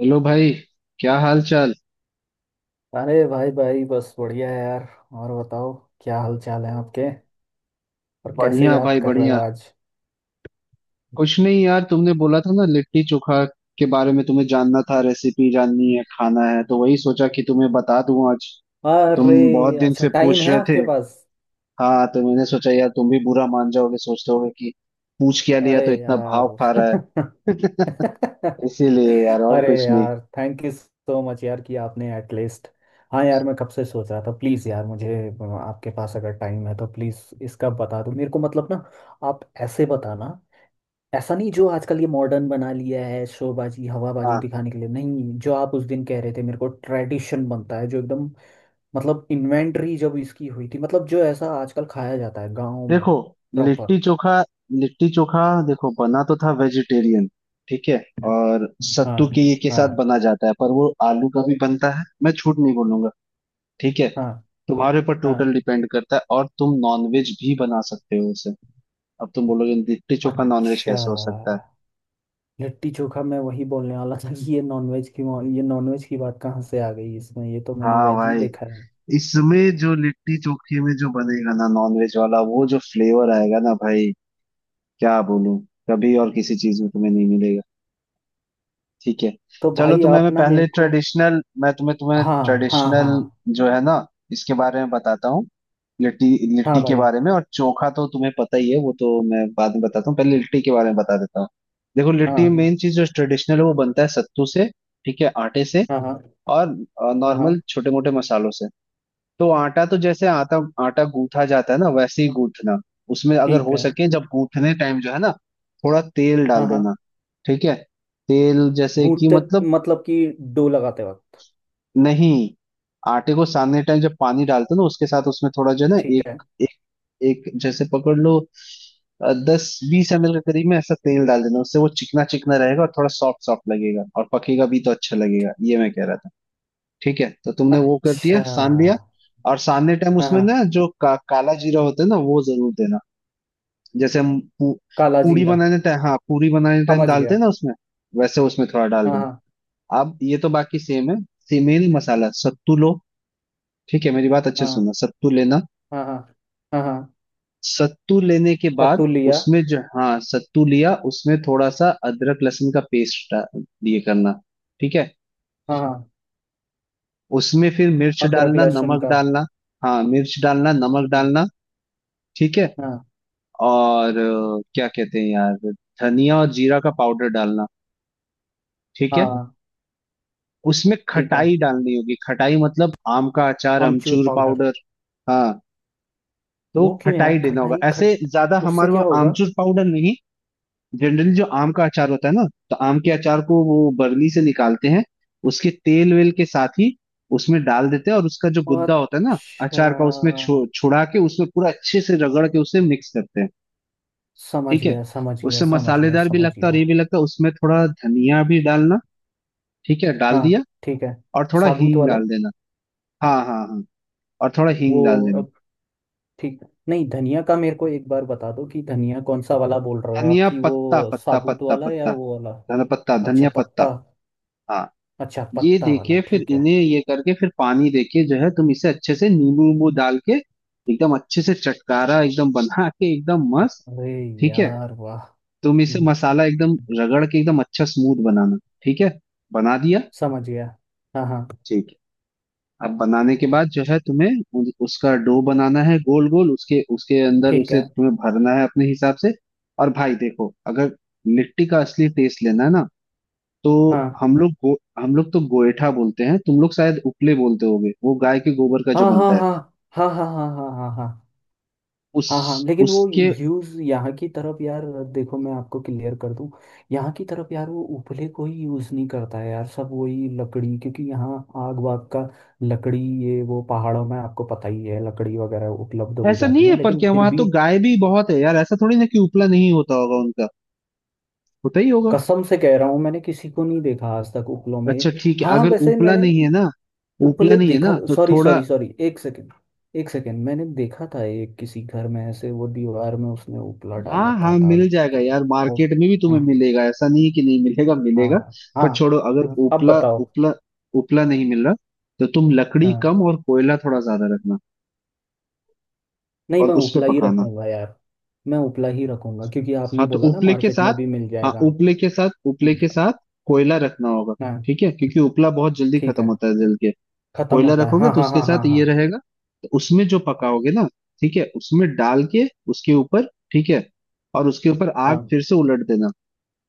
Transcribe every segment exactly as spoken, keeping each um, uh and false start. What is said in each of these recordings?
Hello भाई। क्या हाल चाल। अरे भाई भाई बस बढ़िया है यार। और बताओ, क्या हाल चाल है आपके। और कैसे बढ़िया याद भाई कर रहे हो बढ़िया। आज। कुछ नहीं यार, तुमने बोला था ना लिट्टी चोखा के बारे में तुम्हें जानना था, रेसिपी जाननी है, खाना है, तो वही सोचा कि तुम्हें बता दूं आज। तुम बहुत अरे दिन अच्छा से टाइम पूछ है रहे थे। आपके पास। हाँ तो मैंने सोचा यार, तुम भी बुरा मान जाओगे, सोचते होगे कि पूछ क्या लिया अरे तो इतना भाव यार खा रहा है। इसीलिए यार, और अरे कुछ नहीं। यार, थैंक यू सो मच यार कि आपने एटलीस्ट। हाँ यार, मैं कब से सोच रहा था। प्लीज़ यार मुझे अ, आपके पास अगर टाइम है तो प्लीज़ इसका बता दो मेरे को। मतलब ना, आप ऐसे बताना। ऐसा नहीं जो आजकल ये मॉडर्न बना लिया है शोबाजी हवाबाजी हाँ। दिखाने के लिए। नहीं, जो आप उस दिन कह रहे थे मेरे को ट्रेडिशन बनता है जो एकदम। मतलब इन्वेंटरी जब इसकी हुई थी, मतलब जो ऐसा आजकल खाया जाता है गाँव में। देखो, प्रॉपर। लिट्टी चोखा, लिट्टी चोखा, देखो बना तो था वेजिटेरियन। ठीक है। और हाँ सत्तू के, ये के हाँ साथ बना जाता है, पर वो आलू का भी बनता है, मैं झूठ नहीं बोलूंगा। ठीक है। हाँ तुम्हारे ऊपर हाँ। टोटल डिपेंड करता है, और तुम नॉनवेज भी बना सकते हो उसे। अब तुम बोलोगे लिट्टी चोखा नॉनवेज अच्छा। कैसे हो सकता है। लिट्टी चोखा, मैं वही बोलने वाला था कि ये नॉनवेज की। ये नॉनवेज की बात कहाँ से आ गई इसमें, ये तो मैंने हाँ वेज ही भाई। देखा है। इसमें जो लिट्टी चोखे में जो बनेगा ना नॉनवेज वाला, वो जो फ्लेवर आएगा ना भाई, क्या बोलूं, कभी और किसी चीज में तुम्हें नहीं मिलेगा। ठीक है। तो चलो भाई तुम्हें आप मैं ना मेरे पहले को। ट्रेडिशनल, मैं तुम्हें तुम्हें हाँ हाँ ट्रेडिशनल हाँ। जो है ना इसके बारे में बताता हूँ। लिट्टी, हाँ लिट्टी के भाई। बारे में, और चोखा तो तुम्हें पता ही है, वो तो मैं बाद में बताता हूँ, पहले लिट्टी के बारे में बता देता हूँ। देखो, हाँ लिट्टी हाँ मेन चीज जो ट्रेडिशनल है वो बनता है सत्तू से। ठीक है, आटे से। हाँ हाँ और हाँ हाँ। नॉर्मल छोटे मोटे मसालों से। तो आटा तो, जैसे आटा आटा गूंथा जाता है ना, वैसे ही गूंथना। उसमें अगर ठीक हो है। सके, जब गूंथने टाइम जो है ना, थोड़ा तेल हाँ डाल देना। हाँ। ठीक है। तेल जैसे कि, भूनते, मतलब। मतलब कि डो लगाते वक्त। नहीं, आटे को सानने टाइम जब पानी डालते हो ना उसके साथ उसमें थोड़ा जो है ना, ठीक है। एक, एक एक जैसे पकड़ लो दस बीस एमएल के करीब में, ऐसा तेल डाल देना। उससे वो चिकना चिकना रहेगा और थोड़ा सॉफ्ट सॉफ्ट लगेगा और पकेगा भी तो अच्छा लगेगा, ये मैं कह रहा था। ठीक है, तो तुमने वो कर दिया, अच्छा। सान लिया। और सानने टाइम हाँ उसमें हाँ। ना जो का, काला जीरा होता है ना वो जरूर देना। जैसे हम पू, काला पूड़ी जीरा। बनाने टाइम, हाँ पूड़ी बनाने टाइम समझ डालते गया। हैं ना उसमें। वैसे उसमें थोड़ा डाल हाँ। देना। अब ये तो बाकी सेम है। सेम ही मसाला, सत्तू लो। ठीक है, मेरी बात अच्छे से हाँ सुनना, सत्तू लेना। हाँ हाँ हाँ हाँ हाँ। सत्तू लेने के बाद। सत्तू लिया। उसमें जो, हाँ सत्तू लिया, उसमें थोड़ा सा अदरक लहसुन का पेस्ट दिए करना। ठीक है। हाँ हाँ। उसमें फिर मिर्च अदरक डालना, लहसुन नमक का। डालना। हाँ, मिर्च डालना, नमक हाँ। डालना। ठीक है। हाँ। और अ, क्या कहते हैं यार, धनिया और जीरा का पाउडर डालना। ठीक हाँ है। हाँ। उसमें ठीक है। खटाई डालनी होगी, खटाई मतलब आम का अचार, आमचूर अमचूर पाउडर। पाउडर। हाँ, तो वो क्यों यार, खटाई देना होगा, खटाई ऐसे खट, ज्यादा उससे हमारे क्या वहाँ होगा। आमचूर पाउडर नहीं। जनरली जो आम का अचार होता है ना, तो आम के अचार को वो बरनी से निकालते हैं, उसके तेल वेल के साथ ही उसमें डाल देते हैं, और उसका जो गुद्दा होता है ना अच्छा। अचार का, उसमें छो, छुड़ा के उसमें पूरा अच्छे से रगड़ के उसे मिक्स करते हैं। समझ ठीक है। गया, समझ गया, उससे समझ गया, मसालेदार भी समझ लगता है और गया। ये भी लगता है। उसमें थोड़ा धनिया भी डालना। ठीक है, डाल हाँ दिया। ठीक है। और थोड़ा साबुत हींग वाला। डाल देना। हाँ हाँ हाँ। और थोड़ा वो हींग डाल देना। ठीक। नहीं, धनिया का मेरे को एक बार बता दो कि धनिया कौन सा वाला बोल रहे हो आप, धनिया कि पत्ता वो पत्ता साबुत पत्ता वाला या पत्ता। वो वाला। धनिया पत्ता, अच्छा धनिया पत्ता। पत्ता। हाँ। अच्छा ये पत्ता वाला देके फिर ठीक है। इन्हें, ये करके फिर पानी देके जो है, तुम इसे अच्छे से नींबू वींबू डाल के एकदम अच्छे से चटकारा एकदम बना के एकदम मस्त। अरे ठीक है। यार वाह। तुम इसे हम्म। मसाला एकदम रगड़ के एकदम अच्छा स्मूथ बनाना। ठीक है, बना दिया। समझ गया। हाँ हाँ। ठीक है। अब बनाने के बाद जो है तुम्हें उ- उसका डो बनाना है, गोल गोल, उसके उसके अंदर ठीक उसे है। तुम्हें भरना है अपने हिसाब से। और भाई देखो, अगर लिट्टी का असली टेस्ट लेना है ना, तो हाँ हम लोग गो, हम लोग तो गोएठा बोलते हैं, तुम लोग शायद उपले बोलते होगे, वो गाय के गोबर का हाँ जो हाँ बनता है हाँ हाँ हाँ हाँ हाँ हाँ हाँ। उस हाँ हाँ लेकिन वो उसके यूज यहाँ की तरफ यार। देखो मैं आपको क्लियर कर दूं, यहाँ की तरफ यार वो उपले को ही यूज नहीं करता है यार, सब वही लकड़ी। क्योंकि यहाँ आग वाग का लकड़ी, ये वो पहाड़ों में आपको पता ही है लकड़ी वगैरह उपलब्ध हो ऐसा नहीं जाती है, है, पर लेकिन क्या फिर वहां तो भी गाय भी बहुत है यार, ऐसा थोड़ी ना कि उपला नहीं होता होगा उनका, होता ही होगा। कसम से कह रहा हूँ मैंने किसी को नहीं देखा आज तक उपलों में ये। अच्छा ठीक है, हाँ, अगर वैसे उपला मैंने नहीं है ना, उपला उपले नहीं है देखा। ना, तो सॉरी थोड़ा। सॉरी सॉरी, एक सेकेंड, एक सेकेंड। मैंने देखा था एक किसी घर में ऐसे, वो दीवार में उसने उपला डाल हाँ हाँ, रखा था मिल जाएगा किसी यार, का। मार्केट में भी तुम्हें मिलेगा, ऐसा नहीं है कि नहीं मिलेगा, हाँ। मिलेगा। हाँ पर छोड़ो, अगर हाँ। अब उपला बताओ। उपला उपला नहीं मिल रहा, तो तुम लकड़ी हाँ। कम और कोयला थोड़ा ज्यादा रखना। नहीं, और मैं उस पे उपला ही पकाना। रखूंगा यार। मैं उपला ही रखूंगा, क्योंकि आपने हाँ, तो बोला ना उपले के मार्केट साथ। में भी मिल हाँ, जाएगा। उपले के साथ, उपले के हम्म। साथ। कोयला रखना होगा। हाँ। ठीक है, क्योंकि उपला बहुत जल्दी ठीक खत्म है। होता है जल के। खत्म कोयला होता है, रखोगे हाँ तो हाँ उसके हाँ हाँ साथ हाँ ये रहेगा। तो उसमें जो पकाओगे ना। ठीक है, उसमें डाल के। उसके ऊपर। ठीक है। और उसके ऊपर आग हाँ। फिर से उलट देना।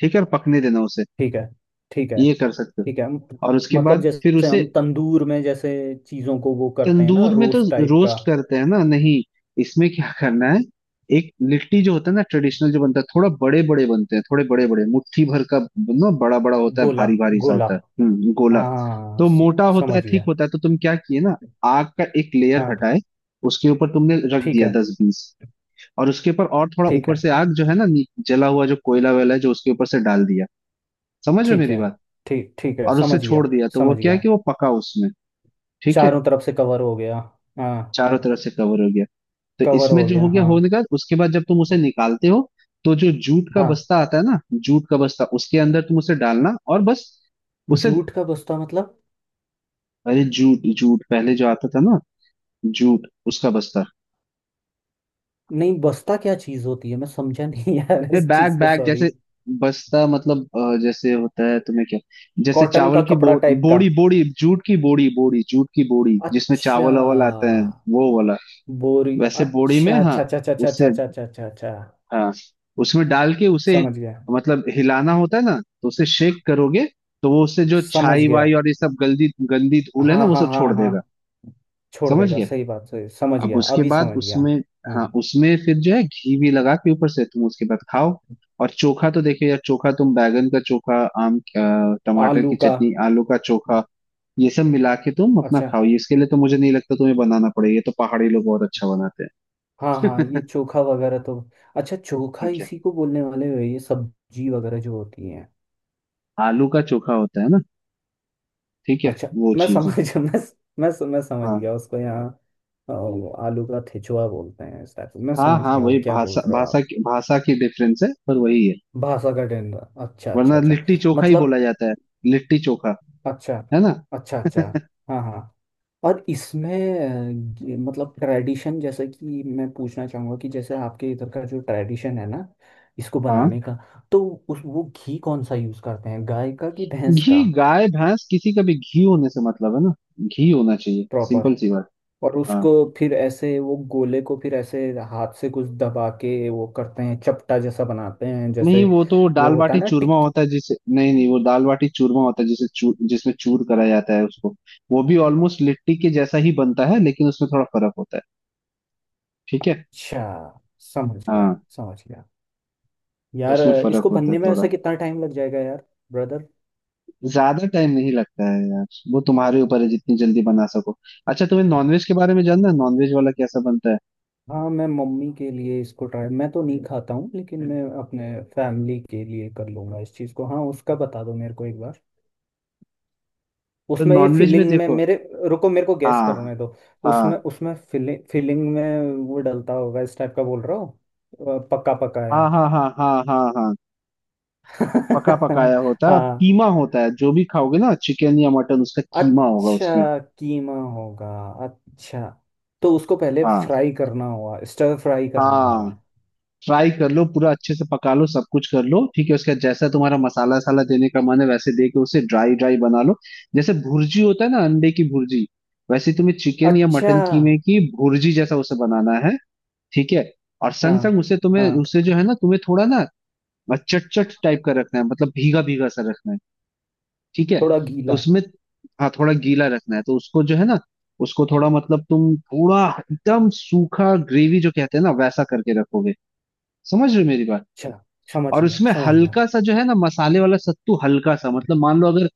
ठीक है, और पकने देना उसे। ठीक है। ठीक है। ये कर सकते हो। ठीक है म- और उसके मतलब बाद फिर जैसे उसे। हम तंदूर में जैसे चीजों को वो करते हैं ना, तंदूर में तो रोस्ट टाइप का। रोस्ट करते हैं ना, नहीं, इसमें क्या करना है। एक लिट्टी जो होता है ना ट्रेडिशनल जो बनता है, थोड़ा बड़े बड़े बनते हैं, थोड़े बड़े बड़े मुट्ठी भर का ना, बड़ा बड़ा होता है, गोला, भारी भारी सा गोला। होता है, हम्म गोला। हाँ तो स- मोटा होता है, समझ ठीक गया। होता है, तो तुम क्या किए ना, आग का एक लेयर हाँ। हटाए, उसके ऊपर तुमने रख ठीक दिया है। दस बीस, और उसके ऊपर और थोड़ा ठीक ऊपर है। से आग जो है ना, नी- जला हुआ जो कोयला वेला है जो उसके ऊपर से डाल दिया। समझ रहे हो ठीक मेरी है। बात? ठीक, ठीक है, और उसे समझ गया। छोड़ दिया, तो वो समझ क्या है गया। कि वो पका उसमें। ठीक है। चारों तरफ से कवर हो गया। हाँ, चारों तरफ से कवर हो गया। तो कवर इसमें हो जो गया। हो गया हाँ। होने का, उसके बाद जब तुम उसे निकालते हो, तो जो जूट का हाँ। बस्ता आता है ना, जूट का बस्ता उसके अंदर तुम उसे डालना, और बस उसे। जूट का बस्ता मतलब? अरे जूट जूट पहले जो आता था ना, जूट उसका बस्ता। नहीं, बस्ता क्या चीज होती है, मैं समझा नहीं यार अरे इस बैग चीज को, बैग सॉरी। जैसे। बस्ता मतलब अ, जैसे होता है, तुम्हें क्या, जैसे कॉटन का चावल की कपड़ा बो, टाइप का? बोड़ी बोड़ी जूट की, बोड़ी बोड़ी जूट की बोड़ी जिसमें अच्छा, चावल वावल आता है। वो वाला। बोरी। वैसे बोड़ी में, अच्छा हाँ। अच्छा अच्छा अच्छा अच्छा अच्छा उससे, अच्छा अच्छा अच्छा अच्छा। हाँ, उसमें डाल के उसे, समझ गया। मतलब हिलाना होता है ना, तो उसे शेक करोगे, तो वो उससे जो समझ छाई गया। वाई और ये सब गंदी गंदी धूल है ना हाँ वो हाँ सब छोड़ हाँ हाँ। देगा। छोड़ समझ देगा, गए। सही बात, सही, समझ अब गया, उसके अभी बाद समझ गया। उसमें, हाँ। हाँ उसमें फिर जो है घी भी लगा के ऊपर से तुम उसके बाद खाओ। और चोखा तो देखो यार, चोखा तुम बैगन का चोखा, आम अ, टमाटर आलू की का। चटनी, आलू का चोखा, ये सब मिला के तुम अपना अच्छा। खाओ, ये इसके लिए तो मुझे नहीं लगता तुम्हें बनाना पड़ेगा, ये तो पहाड़ी लोग बहुत अच्छा बनाते हाँ हाँ, ये हैं। चोखा वगैरह तो। अच्छा, चोखा ठीक है, इसी को बोलने वाले हो, ये सब्जी वगैरह जो होती है। आलू का चोखा होता है ना, ठीक है, अच्छा। वो मैं चीज है। समझ मैं मैं मैं समझ हाँ गया उसको। यहाँ अ, हाँ वो आलू का ठेचुआ बोलते हैं इस टाइप। मैं हाँ समझ हाँ, गया वो वही क्या बोल भाषा, रहे हो भाषा आप। की भाषा की डिफरेंस है, पर वही है। भाषा का डंडा। अच्छा वरना अच्छा अच्छा। लिट्टी चोखा ही मतलब। बोला जाता है। लिट्टी चोखा, अच्छा है ना। अच्छा अच्छा। हाँ हाँ। और इसमें अ, ये मतलब ट्रेडिशन, जैसे कि मैं पूछना चाहूँगा कि जैसे आपके इधर का जो ट्रेडिशन है ना इसको बनाने हाँ। का, तो उस वो घी कौन सा यूज़ करते हैं, गाय का कि भैंस घी का। गाय भैंस किसी का भी घी होने से मतलब है ना, घी होना चाहिए, प्रॉपर। सिंपल सी बात। और हाँ। उसको फिर ऐसे वो गोले को फिर ऐसे हाथ से कुछ दबा के वो करते हैं, चपटा जैसा बनाते हैं नहीं, जैसे। वो तो वो दाल होता बाटी है ना चूरमा टिक्की। होता है जिसे, नहीं नहीं, वो दाल बाटी चूरमा होता है, जिसे चू, जिसमें चूर करा जाता है उसको। वो भी ऑलमोस्ट लिट्टी के जैसा ही बनता है, लेकिन उसमें थोड़ा फर्क होता है। ठीक है। अच्छा। समझ हाँ गया। समझ गया तो यार। उसमें फर्क इसको होता है बनने में ऐसा थोड़ा। कितना टाइम लग जाएगा यार ब्रदर। ज्यादा टाइम नहीं लगता है यार। वो तुम्हारे ऊपर है जितनी जल्दी बना सको। अच्छा, तुम्हें नॉनवेज के बारे में जानना है? नॉनवेज वाला कैसा बनता है। हाँ, मैं मम्मी के लिए इसको ट्राई, मैं तो नहीं खाता हूँ, लेकिन मैं अपने फैमिली के लिए कर लूँगा इस चीज़ को। हाँ उसका बता दो मेरे को एक बार। तो उसमें ये नॉनवेज में फीलिंग में देखो। मेरे, रुको मेरे को गेस हाँ करने दो। उसमें, हाँ उसमें फीलिंग, फीलिंग में वो डलता होगा इस टाइप का बोल रहा हो अ, पक्का पकाया। हाँ हाँ हाँ हाँ हाँ हाँ। पका पकाया होता है, और हाँ। कीमा होता है, जो भी खाओगे ना, चिकन या मटन, उसका कीमा होगा उसमें। अच्छा कीमा होगा। अच्छा, तो उसको पहले हाँ फ्राई करना हुआ, स्टर फ्राई करना हुआ। हाँ। ट्राई कर लो पूरा अच्छे से, पका लो सब कुछ कर लो, ठीक है, उसके बाद जैसा तुम्हारा मसाला साला देने का मन है वैसे दे के उसे ड्राई ड्राई बना लो। जैसे भुर्जी होता है ना, अंडे की भुर्जी, वैसे तुम्हें चिकन या अच्छा। मटन कीमे की भुर्जी जैसा उसे बनाना है। ठीक है। और संग हाँ संग उसे तुम्हें, हाँ। उसे जो है ना, तुम्हें थोड़ा ना चटचट टाइप का रखना है, मतलब भीगा भीगा सा रखना है। ठीक है। थोड़ा तो गीला। उसमें, हाँ, थोड़ा गीला रखना है, तो उसको जो है ना, उसको थोड़ा, मतलब तुम थोड़ा एकदम सूखा ग्रेवी जो कहते हैं ना वैसा करके रखोगे। समझ रहे हो मेरी बात? अच्छा, समझ और गया उसमें समझ गया। हल्का सा जो है ना मसाले वाला सत्तू हल्का सा, मतलब मान लो अगर,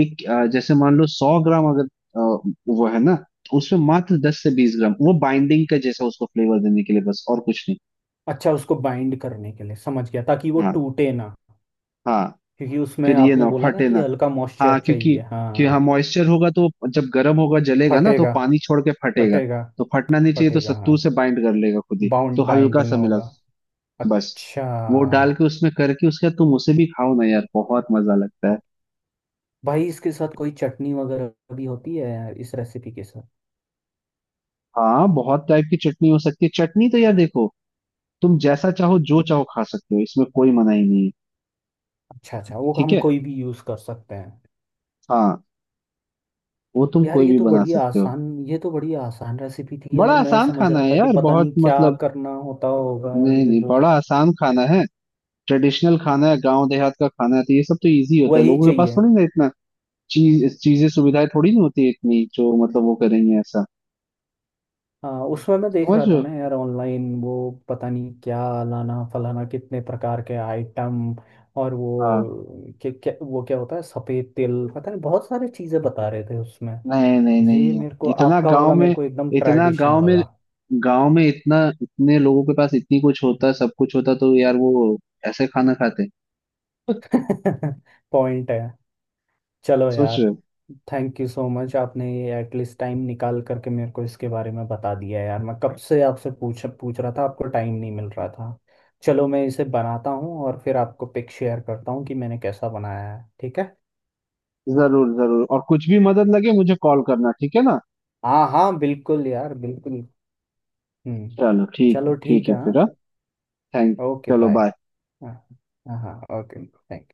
एक अ, जैसे मान लो सौ ग्राम अगर, अ, वो है ना, तो उसमें मात्र दस से बीस ग्राम वो बाइंडिंग का जैसा उसको फ्लेवर देने के लिए बस, और कुछ नहीं। अच्छा, उसको बाइंड करने के लिए, समझ गया, ताकि वो हाँ टूटे ना। हाँ, क्योंकि उसमें फिर ये आपने ना बोला ना फटे कि ना। हल्का मॉइस्चर हाँ क्योंकि, चाहिए। कि हाँ हाँ, मॉइस्चर होगा तो जब गर्म होगा जलेगा ना तो फटेगा, पानी छोड़ के फटेगा। फटेगा, तो फटना नहीं चाहिए, तो फटेगा। हाँ, सत्तू से बाइंड कर लेगा खुद ही। तो बाउंड, हल्का बाइंडिंग सा मिला, होगा। बस, अच्छा। वो डाल के उसमें करके उसके बाद तुम उसे भी खाओ ना यार, बहुत मजा लगता है। भाई इसके साथ कोई चटनी वगैरह भी होती है इस रेसिपी के साथ? हाँ, बहुत टाइप की चटनी हो सकती है, चटनी तो यार देखो, तुम जैसा चाहो जो चाहो खा सकते हो, इसमें कोई मनाही नहीं है। अच्छा अच्छा, वो ठीक हम है। कोई भी यूज़ कर सकते हैं। हाँ, वो तुम यार कोई ये भी तो बना बड़ी सकते हो। आसान, ये तो बड़ी आसान रेसिपी थी बड़ा यार। मैं आसान समझ खाना रहा है था कि यार, पता बहुत नहीं क्या मतलब, करना होता होगा नहीं ये नहीं, वो, बड़ा आसान खाना है। ट्रेडिशनल खाना है, गांव देहात का खाना है, तो ये सब तो इजी होता है, वही लोगों के पास चाहिए। थोड़ी ना इतना चीज चीजें सुविधाएं थोड़ी नहीं होती है इतनी, जो मतलब वो करेंगे ऐसा। हाँ, उसमें मैं देख समझ रहा रहे था हो? ना यार ऑनलाइन वो, पता नहीं क्या लाना फलाना, कितने प्रकार के आइटम। और हाँ। वो क्या क्या, वो क्या होता है सफ़ेद तिल, पता नहीं बहुत सारी चीज़ें बता रहे थे उसमें। नहीं नहीं नहीं ये मेरे को यार, इतना आपका गांव वाला में, मेरे को एकदम इतना ट्रेडिशन गांव में, लगा। गांव में इतना, इतने लोगों के पास इतनी कुछ होता, सब कुछ होता तो यार वो ऐसे खाना खाते। पॉइंट है। चलो सोच यार, रहे हो? थैंक यू सो मच आपने ये एटलीस्ट टाइम निकाल करके मेरे को इसके बारे में बता दिया। यार मैं कब से आपसे पूछ पूछ रहा था, आपको टाइम नहीं मिल रहा था। चलो मैं इसे बनाता हूँ और फिर आपको पिक शेयर करता हूँ कि मैंने कैसा बनाया है, ठीक है। जरूर जरूर, और कुछ भी मदद लगे मुझे कॉल करना, ठीक है ना। हाँ हाँ बिल्कुल यार, बिल्कुल। हम्म। चलो, ठीक है, चलो ठीक ठीक है। है, हाँ। फिर हाँ। थैंक। ओके चलो बाय। बाय। हाँ हाँ ओके थैंक।